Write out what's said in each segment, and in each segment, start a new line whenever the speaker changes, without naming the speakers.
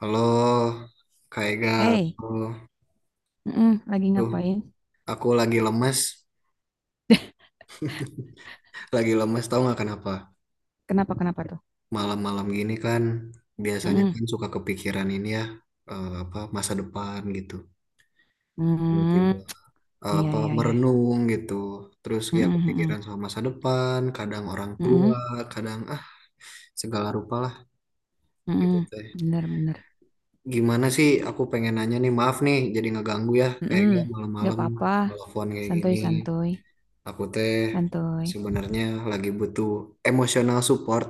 Halo, Kak Ega.
Hey,
Halo.
mm-mm, lagi
Tuh,
ngapain?
aku lagi lemes. Lagi lemes tahu nggak kenapa?
Kenapa kenapa tuh?
Malam-malam gini kan biasanya
Mm-mm.
kan suka kepikiran ini ya, apa masa depan gitu.
Mm,
Tiba-tiba
iya
apa
iya iya.
merenung gitu. Terus ya
Mm-mm,
kepikiran
mm-mm,
sama masa depan, kadang orang
mm-mm,
tua, kadang segala rupa lah gitu
mm-mm.
teh.
Bener bener.
Gimana sih, aku pengen nanya nih, maaf nih jadi ngeganggu ya Kak
Mm-mm.
Ega,
Gak
malam-malam
apa-apa.
telepon kayak
Santuy
gini.
santuy
Aku teh
santuy.
sebenarnya lagi butuh emosional support.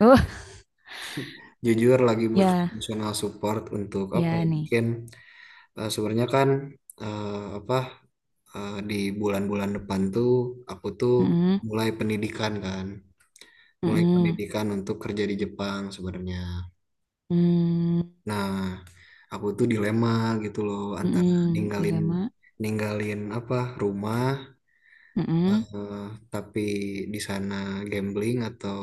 Oh
Jujur lagi butuh
ya
emosional support untuk apa ya?
ya nih.
Mungkin sebenarnya kan, eh, apa, di bulan-bulan depan tuh aku tuh
Mm-mm,
mulai pendidikan kan, mulai
mm-mm,
pendidikan untuk kerja di Jepang sebenarnya.
mm,
Nah, aku tuh dilema gitu loh, antara
mm-mm.
ninggalin,
Dilema.
ninggalin apa, rumah,
Mm-mm,
eh, tapi di sana gambling atau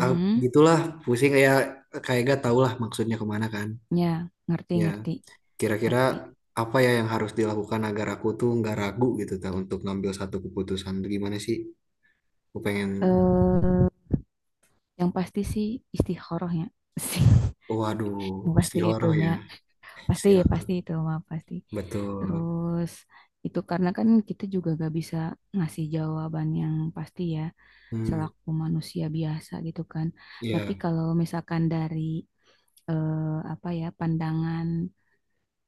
ah, gitulah, pusing ya, kayak gak tau lah maksudnya kemana kan.
Ya ngerti
Ya,
ngerti
kira-kira
ngerti.
apa ya yang harus dilakukan agar aku tuh nggak ragu gitu ta untuk ngambil satu keputusan? Gimana sih? Aku pengen,
Eh yang pasti sih istikharah ya.
waduh,
Yang pasti
istihoroh
itunya.
ya,
Pasti,
istihoroh,
pasti itu mah pasti.
betul.
Terus itu karena kan kita juga gak bisa ngasih jawaban yang pasti ya
Hmm,
selaku manusia biasa gitu kan. Tapi
ya.
kalau misalkan dari apa ya pandangan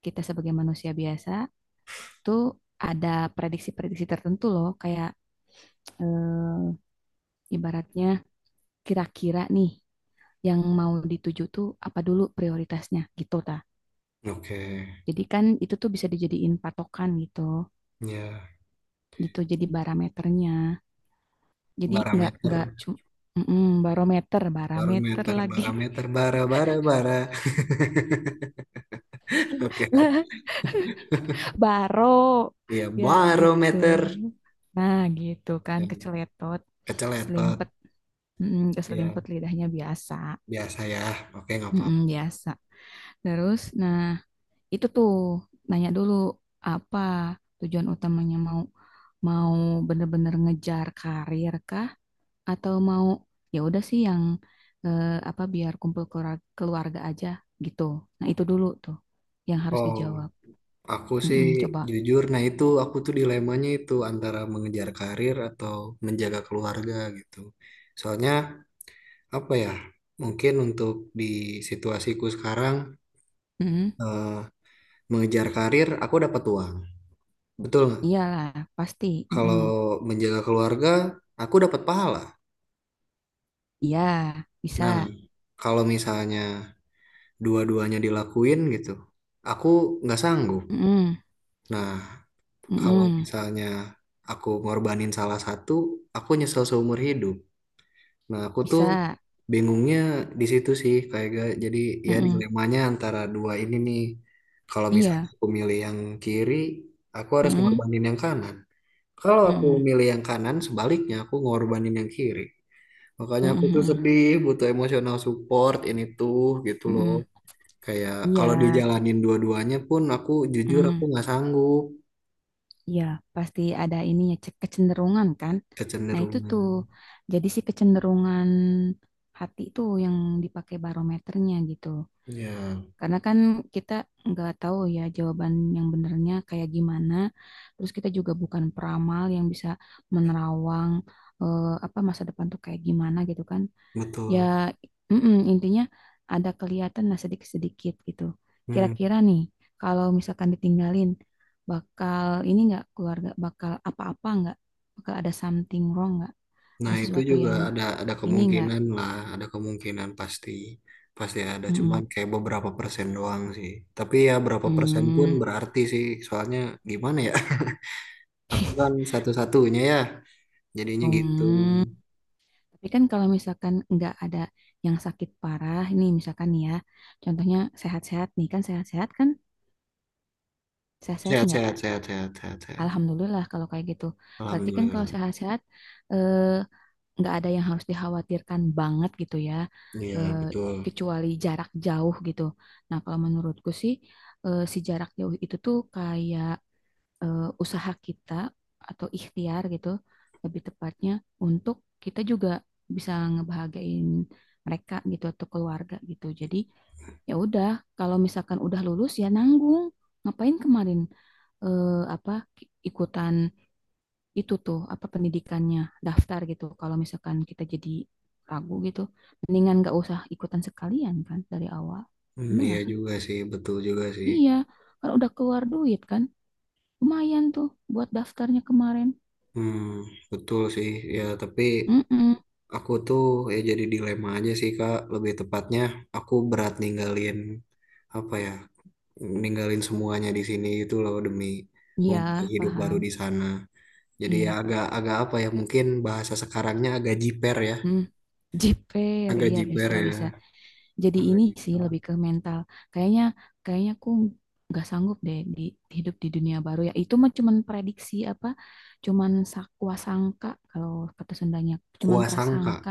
kita sebagai manusia biasa tuh ada prediksi-prediksi tertentu loh kayak eh, ibaratnya kira-kira nih yang mau dituju tuh apa dulu prioritasnya gitu ta.
Oke
Jadi kan itu tuh bisa dijadiin patokan gitu.
ya,
Gitu jadi barometernya, jadi nggak
barometer,
cuma barometer barometer
barometer,
lagi.
barometer, bara, bara, bara. Oke,
Lah, baro,
iya,
ya gitu.
barometer
Nah gitu kan
yang
keceletot
keceletot.
keselimpet, mm,
Iya,
keselimpet lidahnya biasa.
biasa ya. Oke, nggak
Mm
apa-apa.
biasa. Terus nah itu tuh nanya dulu apa tujuan utamanya, mau mau bener-bener ngejar karir kah, atau mau ya udah sih yang apa biar kumpul keluarga, keluarga aja gitu. Nah, itu dulu tuh yang harus
Oh,
dijawab.
aku sih
Mm-mm, coba.
jujur, nah itu aku tuh dilemanya itu antara mengejar karir atau menjaga keluarga gitu. Soalnya apa ya? Mungkin untuk di situasiku sekarang,
Mm-mm.
eh, mengejar karir aku dapat uang. Betul nggak?
Iyalah, pasti.
Kalau
Mm-mm.
menjaga keluarga aku dapat pahala.
Iya, bisa.
Nah, kalau misalnya dua-duanya dilakuin gitu, aku nggak sanggup.
Mm-mm.
Nah, kalau
Mm-mm.
misalnya aku ngorbanin salah satu, aku nyesel seumur hidup. Nah, aku tuh
Bisa.
bingungnya di situ sih, kayak jadi ya,
Mm-mm.
dilemanya antara dua ini nih. Kalau misalnya
Iya.
aku milih yang kiri, aku harus
Mm-mm.
ngorbanin yang kanan. Kalau aku
Mm-mm.
milih yang kanan, sebaliknya aku ngorbanin yang kiri. Makanya aku tuh
Mm-mm.
sedih, butuh emosional support ini tuh gitu loh.
Mm-mm.
Kayak
Iya.
kalau dijalanin dua-duanya pun aku jujur aku
Mm-mm.
nggak sanggup.
Iya, pasti ada ininya, kecenderungan kan. Nah, itu tuh
Kecenderungan.
jadi si kecenderungan hati itu yang dipakai barometernya gitu.
Ya.
Karena kan kita nggak tahu ya jawaban yang benernya kayak gimana. Terus kita juga bukan peramal yang bisa menerawang apa masa depan tuh kayak gimana gitu kan. Ya
Betul.
mm-mm, intinya ada kelihatan lah sedikit-sedikit gitu.
Hmm.
Kira-kira nih kalau misalkan ditinggalin bakal ini nggak, keluarga bakal apa-apa nggak, bakal ada something wrong nggak, ada
Nah, itu
sesuatu
juga
yang
ada
ini nggak.
kemungkinan lah, ada kemungkinan pasti, pasti ada, cuman
Mm-mm.
kayak beberapa persen doang sih. Tapi ya berapa persen pun
Hmm.
berarti sih, soalnya gimana ya? Aku kan satu-satunya ya, jadinya gitu.
Hmm. Tapi kan kalau misalkan nggak ada yang sakit parah, ini misalkan nih ya, contohnya sehat-sehat nih kan, sehat-sehat kan, sehat-sehat
Sehat,
nggak?
sehat, sehat, sehat, sehat, sehat.
Alhamdulillah kalau kayak gitu. Berarti kan kalau
Alhamdulillah.
sehat-sehat, eh, nggak ada yang harus dikhawatirkan banget gitu ya,
Iya,
eh,
betul.
kecuali jarak jauh gitu. Nah, kalau menurutku sih, si jarak jauh itu tuh kayak usaha kita atau ikhtiar gitu, lebih tepatnya untuk kita juga bisa ngebahagiain mereka gitu atau keluarga gitu. Jadi ya udah, kalau misalkan udah lulus ya nanggung, ngapain kemarin apa ikutan itu tuh apa pendidikannya daftar gitu kalau misalkan kita jadi ragu gitu. Mendingan nggak usah ikutan sekalian kan dari awal,
Hmm,
bener
iya
nggak sih,
juga sih, betul juga sih.
iya, kan udah keluar duit kan, lumayan tuh buat daftarnya kemarin.
Hmm, betul sih. Ya, tapi
Mm,
aku tuh, ya jadi dilema aja sih Kak, lebih tepatnya aku berat ninggalin, apa ya, ninggalin semuanya di sini itu loh demi
iya,
memulai hidup baru
paham,
di sana. Jadi ya
iya,
agak agak apa ya, mungkin bahasa sekarangnya agak jiper ya,
mm. Jiper,
agak
iya,
jiper
bisa
ya,
bisa. Jadi
agak
ini sih
jiper.
lebih ke mental. Kayaknya kayaknya aku nggak sanggup deh di hidup di dunia baru ya. Itu mah cuman prediksi apa? Cuman sakwa sangka kalau kata Sundanya, cuman
Kuasangka,
prasangka.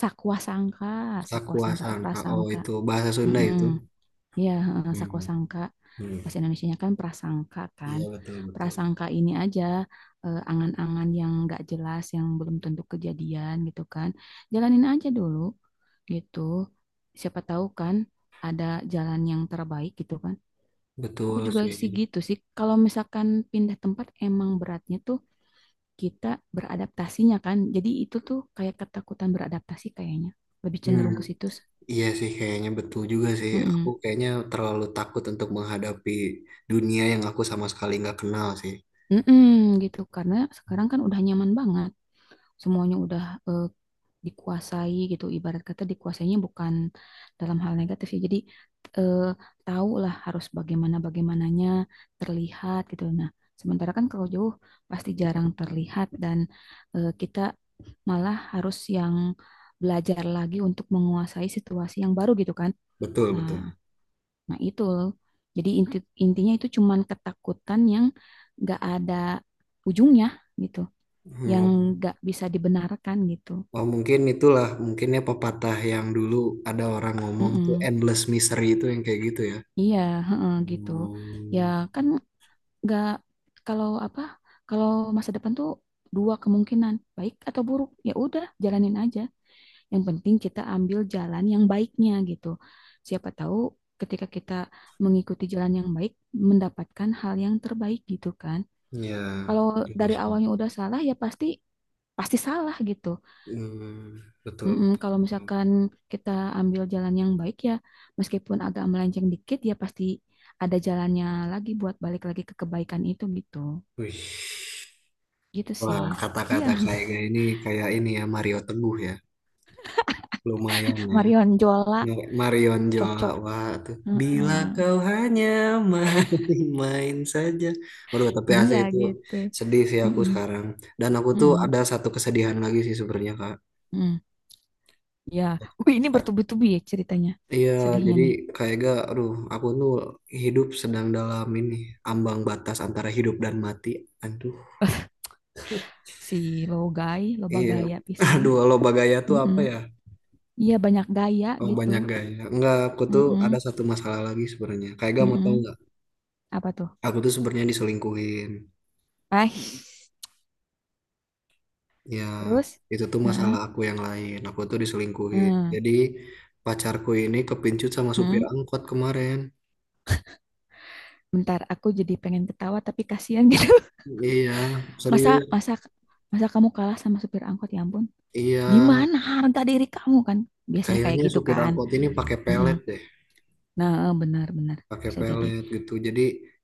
Sakwa sangka, sakwa sangka tuh
sakuasangka. Oh
prasangka.
itu bahasa Sunda itu.
Mm-mm. Iya, heeh,
Hmm.
sakosangka.
Hmm.
Bahasa Indonesianya kan.
Iya, betul, betul.
Prasangka ini aja angan-angan yang nggak jelas, yang belum tentu kejadian gitu kan. Jalanin aja dulu gitu. Siapa tahu kan ada jalan yang terbaik gitu kan. Aku
Betul
juga
sih.
sih gitu sih. Kalau misalkan pindah tempat emang beratnya tuh kita beradaptasinya kan. Jadi itu tuh kayak ketakutan beradaptasi kayaknya. Lebih
Hmm.
cenderung ke situ.
Iya sih, kayaknya betul juga sih. Aku
Mm-mm.
kayaknya terlalu takut untuk menghadapi dunia yang aku sama sekali nggak kenal sih.
Mm-mm, gitu karena sekarang kan udah nyaman banget, semuanya udah eh, dikuasai gitu, ibarat kata dikuasainya bukan dalam hal negatif ya, jadi eh, tahu lah harus bagaimana bagaimananya terlihat gitu. Nah, sementara kan kalau jauh pasti jarang terlihat dan kita malah harus yang belajar lagi untuk menguasai situasi yang baru gitu kan.
Betul,
Nah,
betul.
nah itu jadi intinya itu cuman ketakutan yang nggak ada ujungnya gitu, yang
Hmm.
nggak bisa dibenarkan gitu.
Oh, mungkin itulah, mungkinnya pepatah yang dulu ada orang ngomong tuh
Mm-mm.
endless misery itu yang kayak gitu ya.
Iya, heeh, gitu. Ya
Hmm.
kan nggak, kalau apa kalau masa depan tuh dua kemungkinan baik atau buruk, ya udah jalanin aja. Yang penting kita ambil jalan yang baiknya gitu. Siapa tahu ketika kita mengikuti jalan yang baik mendapatkan hal yang terbaik gitu kan.
Ya,
Kalau
betul
dari
sih.
awalnya udah salah ya pasti pasti salah gitu.
Hmm, betul,
Mm-mm,
betul,
kalau
betul.
misalkan kita ambil jalan yang baik ya, meskipun agak melenceng dikit, ya pasti ada jalannya lagi buat balik lagi ke kebaikan itu gitu.
Wih.
Gitu sih.
Wah,
Iya,
kata-kata kayak gini, kayak ini ya Mario Teguh ya. Lumayan ya.
Marion Jola
Yang kayak Marion
cocok.
Jawa tuh. Bila
Mm-mm.
kau hanya main-main saja. Aduh, tapi AC
Iya
itu,
gitu.
sedih sih aku
Mm-mm,
sekarang. Dan aku tuh
mm-mm,
ada satu kesedihan lagi sih sebenarnya, Kak.
mm. Ya, wih, ini bertubi-tubi ya ceritanya.
Iya,
Sedihnya
jadi
nih.
kayak gak, aduh, aku tuh hidup sedang dalam ini, ambang batas antara hidup dan mati. Aduh,
Si Logai, loba
iya.
gaya pisan.
Aduh, loba gaya tuh apa
Mm-mm.
ya?
Iya, banyak gaya
Oh,
gitu.
banyak gaya. Enggak, aku tuh ada
Mm-mm,
satu masalah lagi sebenarnya. Kayak gak, mau tau
mm-mm.
nggak?
Apa tuh?
Aku tuh sebenarnya diselingkuhin.
Eh,
Ya,
terus?
itu tuh
Heeh.
masalah aku yang lain. Aku tuh diselingkuhin.
Hmm,
Jadi pacarku ini kepincut sama supir
hmm.
angkot kemarin.
Bentar, aku jadi pengen ketawa tapi kasihan gitu.
Iya,
Masa
serius.
masa masa kamu kalah sama supir angkot, ya ampun.
Iya,
Di mana harga diri kamu kan? Biasanya kayak
kayaknya
gitu
supir
kan.
angkot ini pakai
Mm-mm.
pelet deh,
Nah, eh, benar benar
pakai
bisa jadi.
pelet gitu. Jadi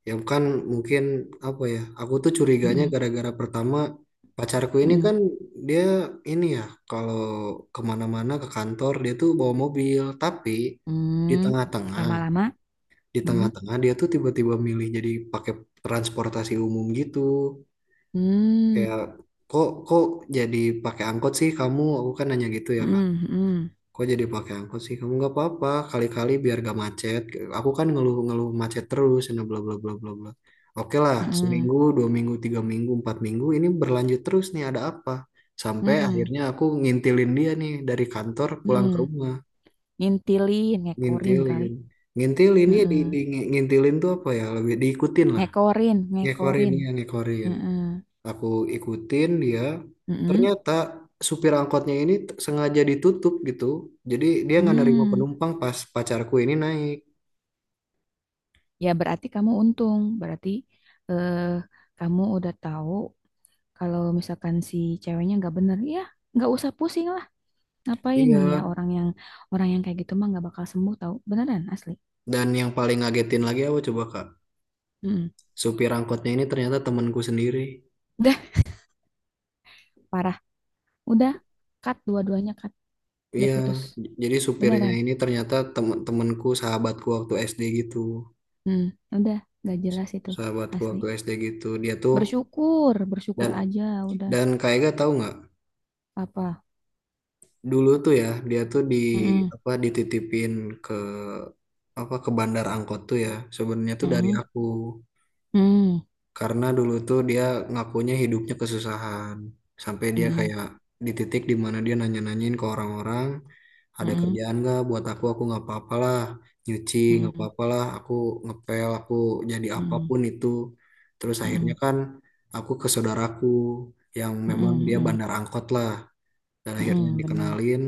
ya kan, mungkin apa ya? Aku tuh curiganya
Mm-mm,
gara-gara pertama pacarku ini
mm-mm,
kan dia ini ya, kalau kemana-mana ke kantor dia tuh bawa mobil, tapi di
mm.
tengah-tengah
Lama-lama.
di
Mm.
tengah-tengah dia tuh tiba-tiba milih jadi pakai transportasi umum gitu. Kayak,
Mm.
kok kok jadi pakai angkot sih kamu, aku kan nanya gitu ya Kak,
Mm-mm, mm-mm,
kok jadi pakai angkot sih kamu, nggak apa-apa kali-kali biar gak macet, aku kan ngeluh-ngeluh macet terus dan bla bla bla bla bla. Oke lah
mm-mm,
seminggu 2 minggu 3 minggu 4 minggu ini berlanjut terus nih, ada apa? Sampai
mm.
akhirnya aku ngintilin dia nih dari kantor pulang ke
Mm.
rumah.
Ngintilin, ngekorin kali.
Ngintilin, ngintilin ya,
Mm-mm.
ngintilin tuh apa ya, lebih diikutin lah,
Ngekorin,
ngekorin
ngekorin.
ya, ngekorin,
Mm-mm,
aku ikutin dia.
mm-mm,
Ternyata supir angkotnya ini sengaja ditutup gitu, jadi dia nggak nerima
mm.
penumpang pas pacarku ini naik.
Ya, berarti kamu untung. Berarti eh, kamu udah tahu kalau misalkan si ceweknya nggak bener, ya nggak usah pusing lah. Ngapain nih ya
Iya.
orang yang kayak gitu mah nggak bakal sembuh tahu. Beneran asli.
Dan yang paling ngagetin lagi apa coba Kak?
Mm-mm.
Supir angkotnya ini ternyata temanku sendiri.
Udah parah. Udah cut, dua-duanya cut. Udah
Iya.
putus.
Jadi supirnya
Beneran.
ini ternyata temanku, sahabatku waktu SD gitu,
Hmm, udah nggak jelas itu
sahabatku
asli.
waktu SD gitu, dia tuh.
Bersyukur, bersyukur
dan
aja udah
dan Kak Ega tahu nggak,
apa.
dulu tuh ya dia tuh di,
Mm-mm.
apa, dititipin ke, apa, ke bandar angkot tuh ya sebenarnya tuh dari
Mm-mm.
aku.
Mm-mm.
Karena dulu tuh dia ngakunya hidupnya kesusahan sampai dia kayak di titik di mana dia nanya-nanyain ke orang-orang, ada
Mm-mm.
kerjaan nggak buat aku nggak apa-apalah nyuci, nggak
Mm-mm.
apa-apalah aku ngepel aku, jadi
Mm-mm.
apapun itu. Terus akhirnya
Mm-mm.
kan aku ke saudaraku yang memang
Mm-mm.
dia
Mm-mm.
bandar angkot lah, dan akhirnya
Mm-mm, bener.
dikenalin,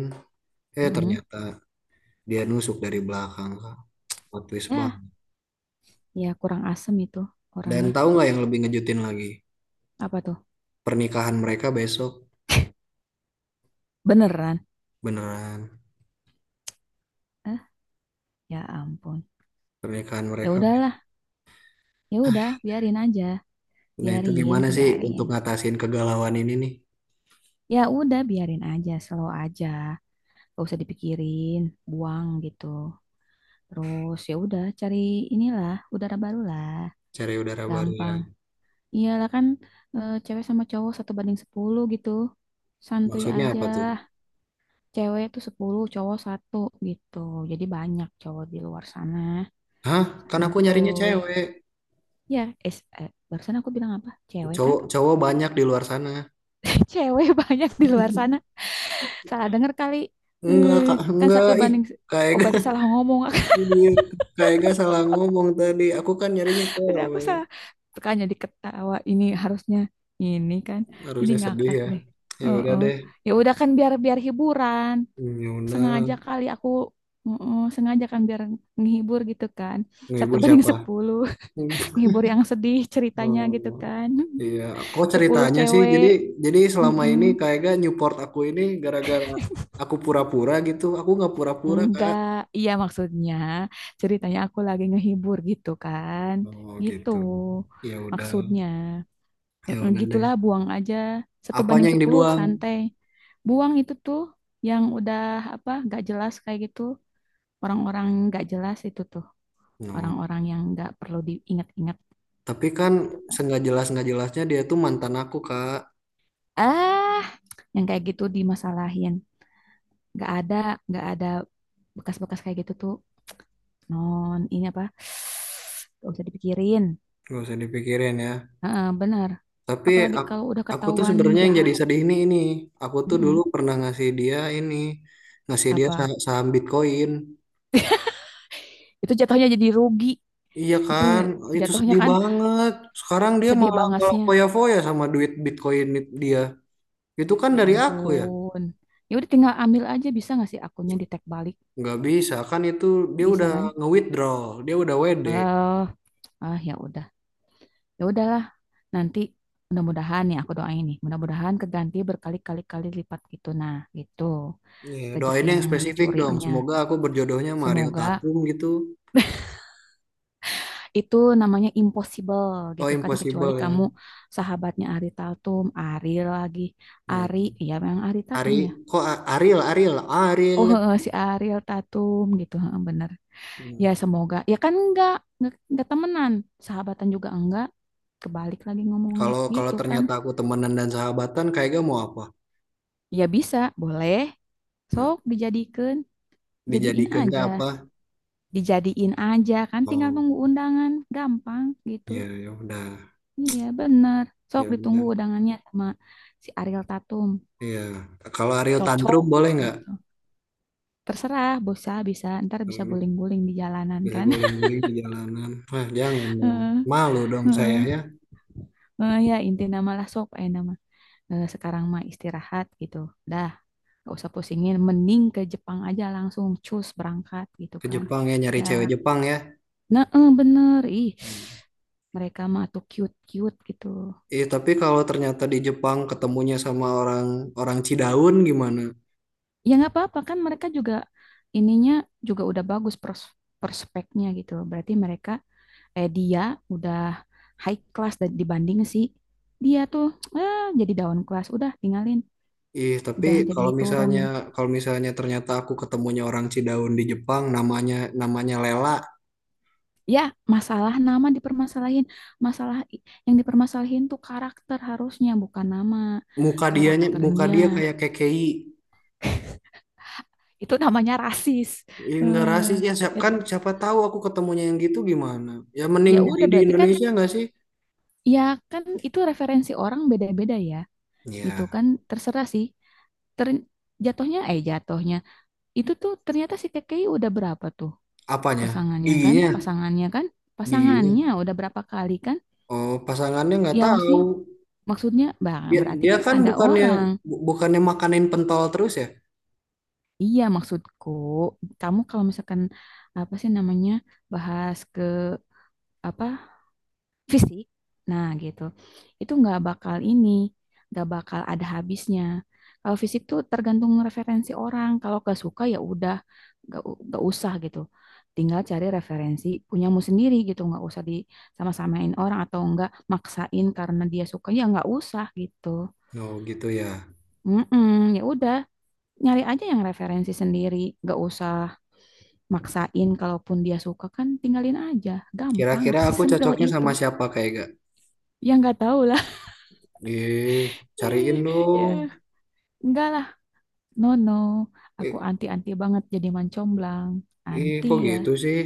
eh
Mm-mm.
ternyata dia nusuk dari belakang, Kak. Plot twist
Ya,
banget.
ya kurang asem itu
Dan
orangnya.
tahu nggak yang lebih ngejutin lagi?
Apa tuh?
Pernikahan mereka besok.
Beneran?
Beneran.
Eh, ya ampun.
Pernikahan
Ya
mereka.
udahlah, ya udah, biarin aja,
Nah, itu
biarin,
gimana sih untuk
biarin.
ngatasin kegalauan ini nih?
Ya udah, biarin aja, slow aja, gak usah dipikirin, buang gitu. Terus ya udah, cari inilah udara baru lah,
Cari udara baru ya.
gampang. Iyalah kan cewek sama cowok satu banding 10 gitu, santuy
Maksudnya
aja.
apa tuh?
Cewek tuh 10 cowok satu gitu. Jadi banyak cowok di luar sana.
Hah? Kan aku nyarinya
Santuy.
cewek.
Ya, barusan aku bilang apa? Cewek kan?
Cowok, cowok banyak di luar sana.
Cewek banyak di luar sana. Salah denger kali. Eh,
Enggak, Kak.
kan
Enggak.
satu
Ih,
banding,
kayak
oh
gak,
berarti salah ngomong.
kayak gak salah ngomong tadi. Aku kan nyarinya
Berarti aku
cewek.
salah. Suka jadi ketawa. Ini harusnya ini kan. Jadi
Harusnya sedih
ngakak
ya.
deh.
Ya udah
Heeh.
deh.
Ya udah kan biar biar hiburan.
Hmm, ya udah.
Sengaja kali aku. Heeh, sengaja kan biar nghibur gitu kan. Satu
Ngehibur
banding
siapa?
sepuluh. Menghibur yang sedih ceritanya gitu
Oh,
kan.
iya, kok
Sepuluh
ceritanya sih? Jadi,
cewek.
jadi selama ini
Mm-mm.
kayaknya Newport aku ini gara-gara aku pura-pura gitu. Aku nggak pura-pura, Kak.
Enggak, iya maksudnya ceritanya aku lagi ngehibur gitu kan.
Oh,
Gitu
gitu. Ya udah,
maksudnya.
ya
Mm-mm,
udah deh.
gitulah buang aja. Satu
Apanya
banding
yang
sepuluh
dibuang?
santai. Buang itu tuh yang udah apa gak jelas kayak gitu. Orang-orang gak jelas itu tuh.
No.
Orang-orang yang gak perlu diingat-ingat
Tapi kan
gitu kan.
senggak jelas nggak jelasnya dia tuh mantan aku, Kak.
Ah, yang kayak gitu dimasalahin. nggak ada nggak ada bekas-bekas kayak gitu tuh, non ini apa, nggak usah dipikirin.
Gak usah dipikirin ya.
Heeh, benar,
Tapi
apalagi
ak-
kalau udah
aku tuh
ketahuan
sebenarnya yang
jahat.
jadi sedih ini. Aku tuh dulu
Mm-mm.
pernah ngasih dia ini, ngasih dia
Apa
saham Bitcoin.
itu jatuhnya jadi rugi,
Iya
itu
kan, itu
jatuhnya
sedih
kan
banget. Sekarang dia
sedih
malah malah
bangasnya,
foya-foya sama duit Bitcoin dia. Itu kan
ya
dari aku ya.
ampun. Ya udah tinggal ambil aja, bisa nggak sih akunnya di tag balik,
Nggak bisa kan itu, dia
bisa
udah
kan.
nge-withdraw, dia udah WD.
eh ya udah, ya udahlah, nanti mudah-mudahan ya, aku doain nih mudah-mudahan keganti berkali-kali kali lipat gitu. Nah gitu,
Ya,
rezeki
doain yang
yang
spesifik dong.
dicurinya.
Semoga aku berjodohnya Mario
Semoga
Tatum gitu.
itu namanya impossible
Oh,
gitu kan, kecuali
impossible ya.
kamu sahabatnya Ari Tatum, Ari lagi, Ari
Hmm.
ya memang Ari
Ari,
Tatum ya.
kok Ariel, Ariel, Ariel.
Oh si Ariel Tatum gitu, bener. Ya
Hmm.
semoga ya kan enggak temenan, sahabatan juga enggak. Kebalik lagi ngomongnya
Kalau kalau
gitu kan.
ternyata aku temenan dan sahabatan, kayaknya mau apa?
Ya bisa, boleh.
Nah,
Sok dijadikan, jadiin
dijadikan
aja.
apa?
Dijadiin aja kan tinggal
Oh,
nunggu undangan, gampang gitu.
ya ya udah.
Iya, bener. Sok
Ya
ditunggu
udah.
undangannya sama si Ariel Tatum.
Iya, kalau Ariel
Cocok
tantrum boleh nggak?
gitu. Terserah, bisa, bisa. Ntar bisa
Hmm.
guling-guling di jalanan
Bisa
kan.
guling-guling di jalanan. Wah, jangan dong.
Heeh,
Malu dong saya ya,
heeh. Eh, ya, inti nama lah sok. Eh, nama. Eh, sekarang mah istirahat gitu. Dah, gak usah pusingin. Mending ke Jepang aja langsung. Cus, berangkat gitu
ke
kan.
Jepang ya nyari
Dah.
cewek Jepang ya.
Nah, eh, bener. Ih,
Hmm.
mereka mah tuh cute-cute gitu.
Ih, tapi kalau ternyata di Jepang ketemunya sama orang, orang Cidaun gimana?
Ya nggak apa-apa kan mereka juga ininya juga udah bagus prospeknya gitu loh. Berarti mereka dia udah high class, dan dibanding si dia tuh jadi down class, udah tinggalin,
Ih, tapi
udah jadi
kalau
turun.
misalnya, kalau misalnya ternyata aku ketemunya orang Cidaun di Jepang, namanya, namanya Lela,
Ya masalah nama dipermasalahin, yang dipermasalahin tuh karakter harusnya, bukan nama
muka dianya muka
karakternya.
dia kayak kekei.
Itu namanya rasis.
Ih, nggak
eh
rasis ya, siap
Ya,
kan siapa tahu aku ketemunya yang gitu gimana? Ya mending
ya
nyari
udah
di
berarti kan
Indonesia nggak sih?
ya, kan itu referensi orang beda-beda ya gitu
Ya,
kan, terserah sih. ter Jatuhnya jatuhnya itu tuh ternyata si KKI udah berapa tuh,
apanya? Giginya,
pasangannya kan pasangannya
giginya.
udah berapa kali kan.
Oh, pasangannya nggak
Ya
tahu.
maksudnya Maksudnya bang
Dia,
berarti
dia
kan
kan
ada
bukannya
orang.
bukannya makanin pentol terus ya?
Iya maksudku, kamu kalau misalkan apa sih namanya bahas ke apa fisik. Nah, gitu. Itu nggak bakal ini, nggak bakal ada habisnya. Kalau fisik tuh tergantung referensi orang. Kalau nggak suka ya udah, nggak usah gitu. Tinggal cari referensi punyamu sendiri gitu, nggak usah di sama-samain orang atau nggak maksain karena dia suka ya nggak usah gitu.
Oh, gitu ya.
Mm-mm, ya udah, nyari aja yang referensi sendiri, nggak usah maksain. Kalaupun dia suka kan tinggalin aja, gampang,
Kira-kira aku
sesimpel
cocoknya sama
itu.
siapa kayak gak?
Ya nggak tahu lah.
Ih,
Ih,
cariin
ya.
dong.
Enggak lah, no no. Aku
Ih,
anti-anti banget jadi mancomblang.
ih,
Anti
kok
ya.
gitu sih?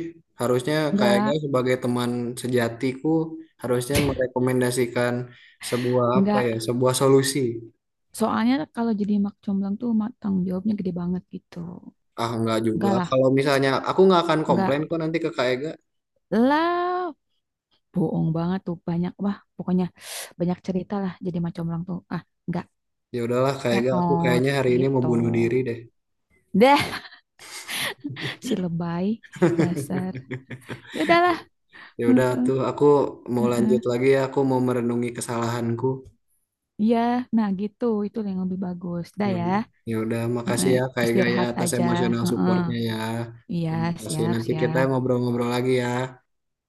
Harusnya kayaknya
Enggak,
sebagai teman sejatiku harusnya merekomendasikan sebuah apa ya,
enggak.
sebuah solusi.
Soalnya kalau jadi mak comblang tuh tanggung jawabnya gede banget gitu.
Ah, nggak juga.
Enggak lah,
Kalau misalnya aku nggak akan
enggak
komplain kok nanti ke KAEG.
lah. Bohong banget tuh banyak, wah pokoknya banyak cerita lah jadi mak comblang tuh. Ah, enggak.
Ya udahlah kayaknya aku
Tetot
kayaknya hari ini mau
gitu.
bunuh diri deh.
Dah si lebay dasar. Ya udahlah.
Ya udah
Heeh,
tuh aku mau
heeh.
lanjut lagi ya, aku mau merenungi kesalahanku.
Iya, nah gitu itu yang lebih bagus. Dah
Ya,
ya.
ya udah makasih
Heeh,
ya kayaknya ya
istirahat
atas
aja.
emosional
Heeh.
supportnya ya.
Iya,
Terima kasih.
siap,
Nanti kita
siap.
ngobrol-ngobrol lagi ya.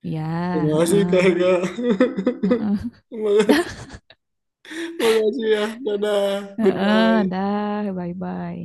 Iya,
Terima kasih
heeh,
kayaknya.
heeh.
Terima
Dah,
kasih. Terima kasih ya. Dadah.
heeh,
Goodbye.
dah, bye-bye.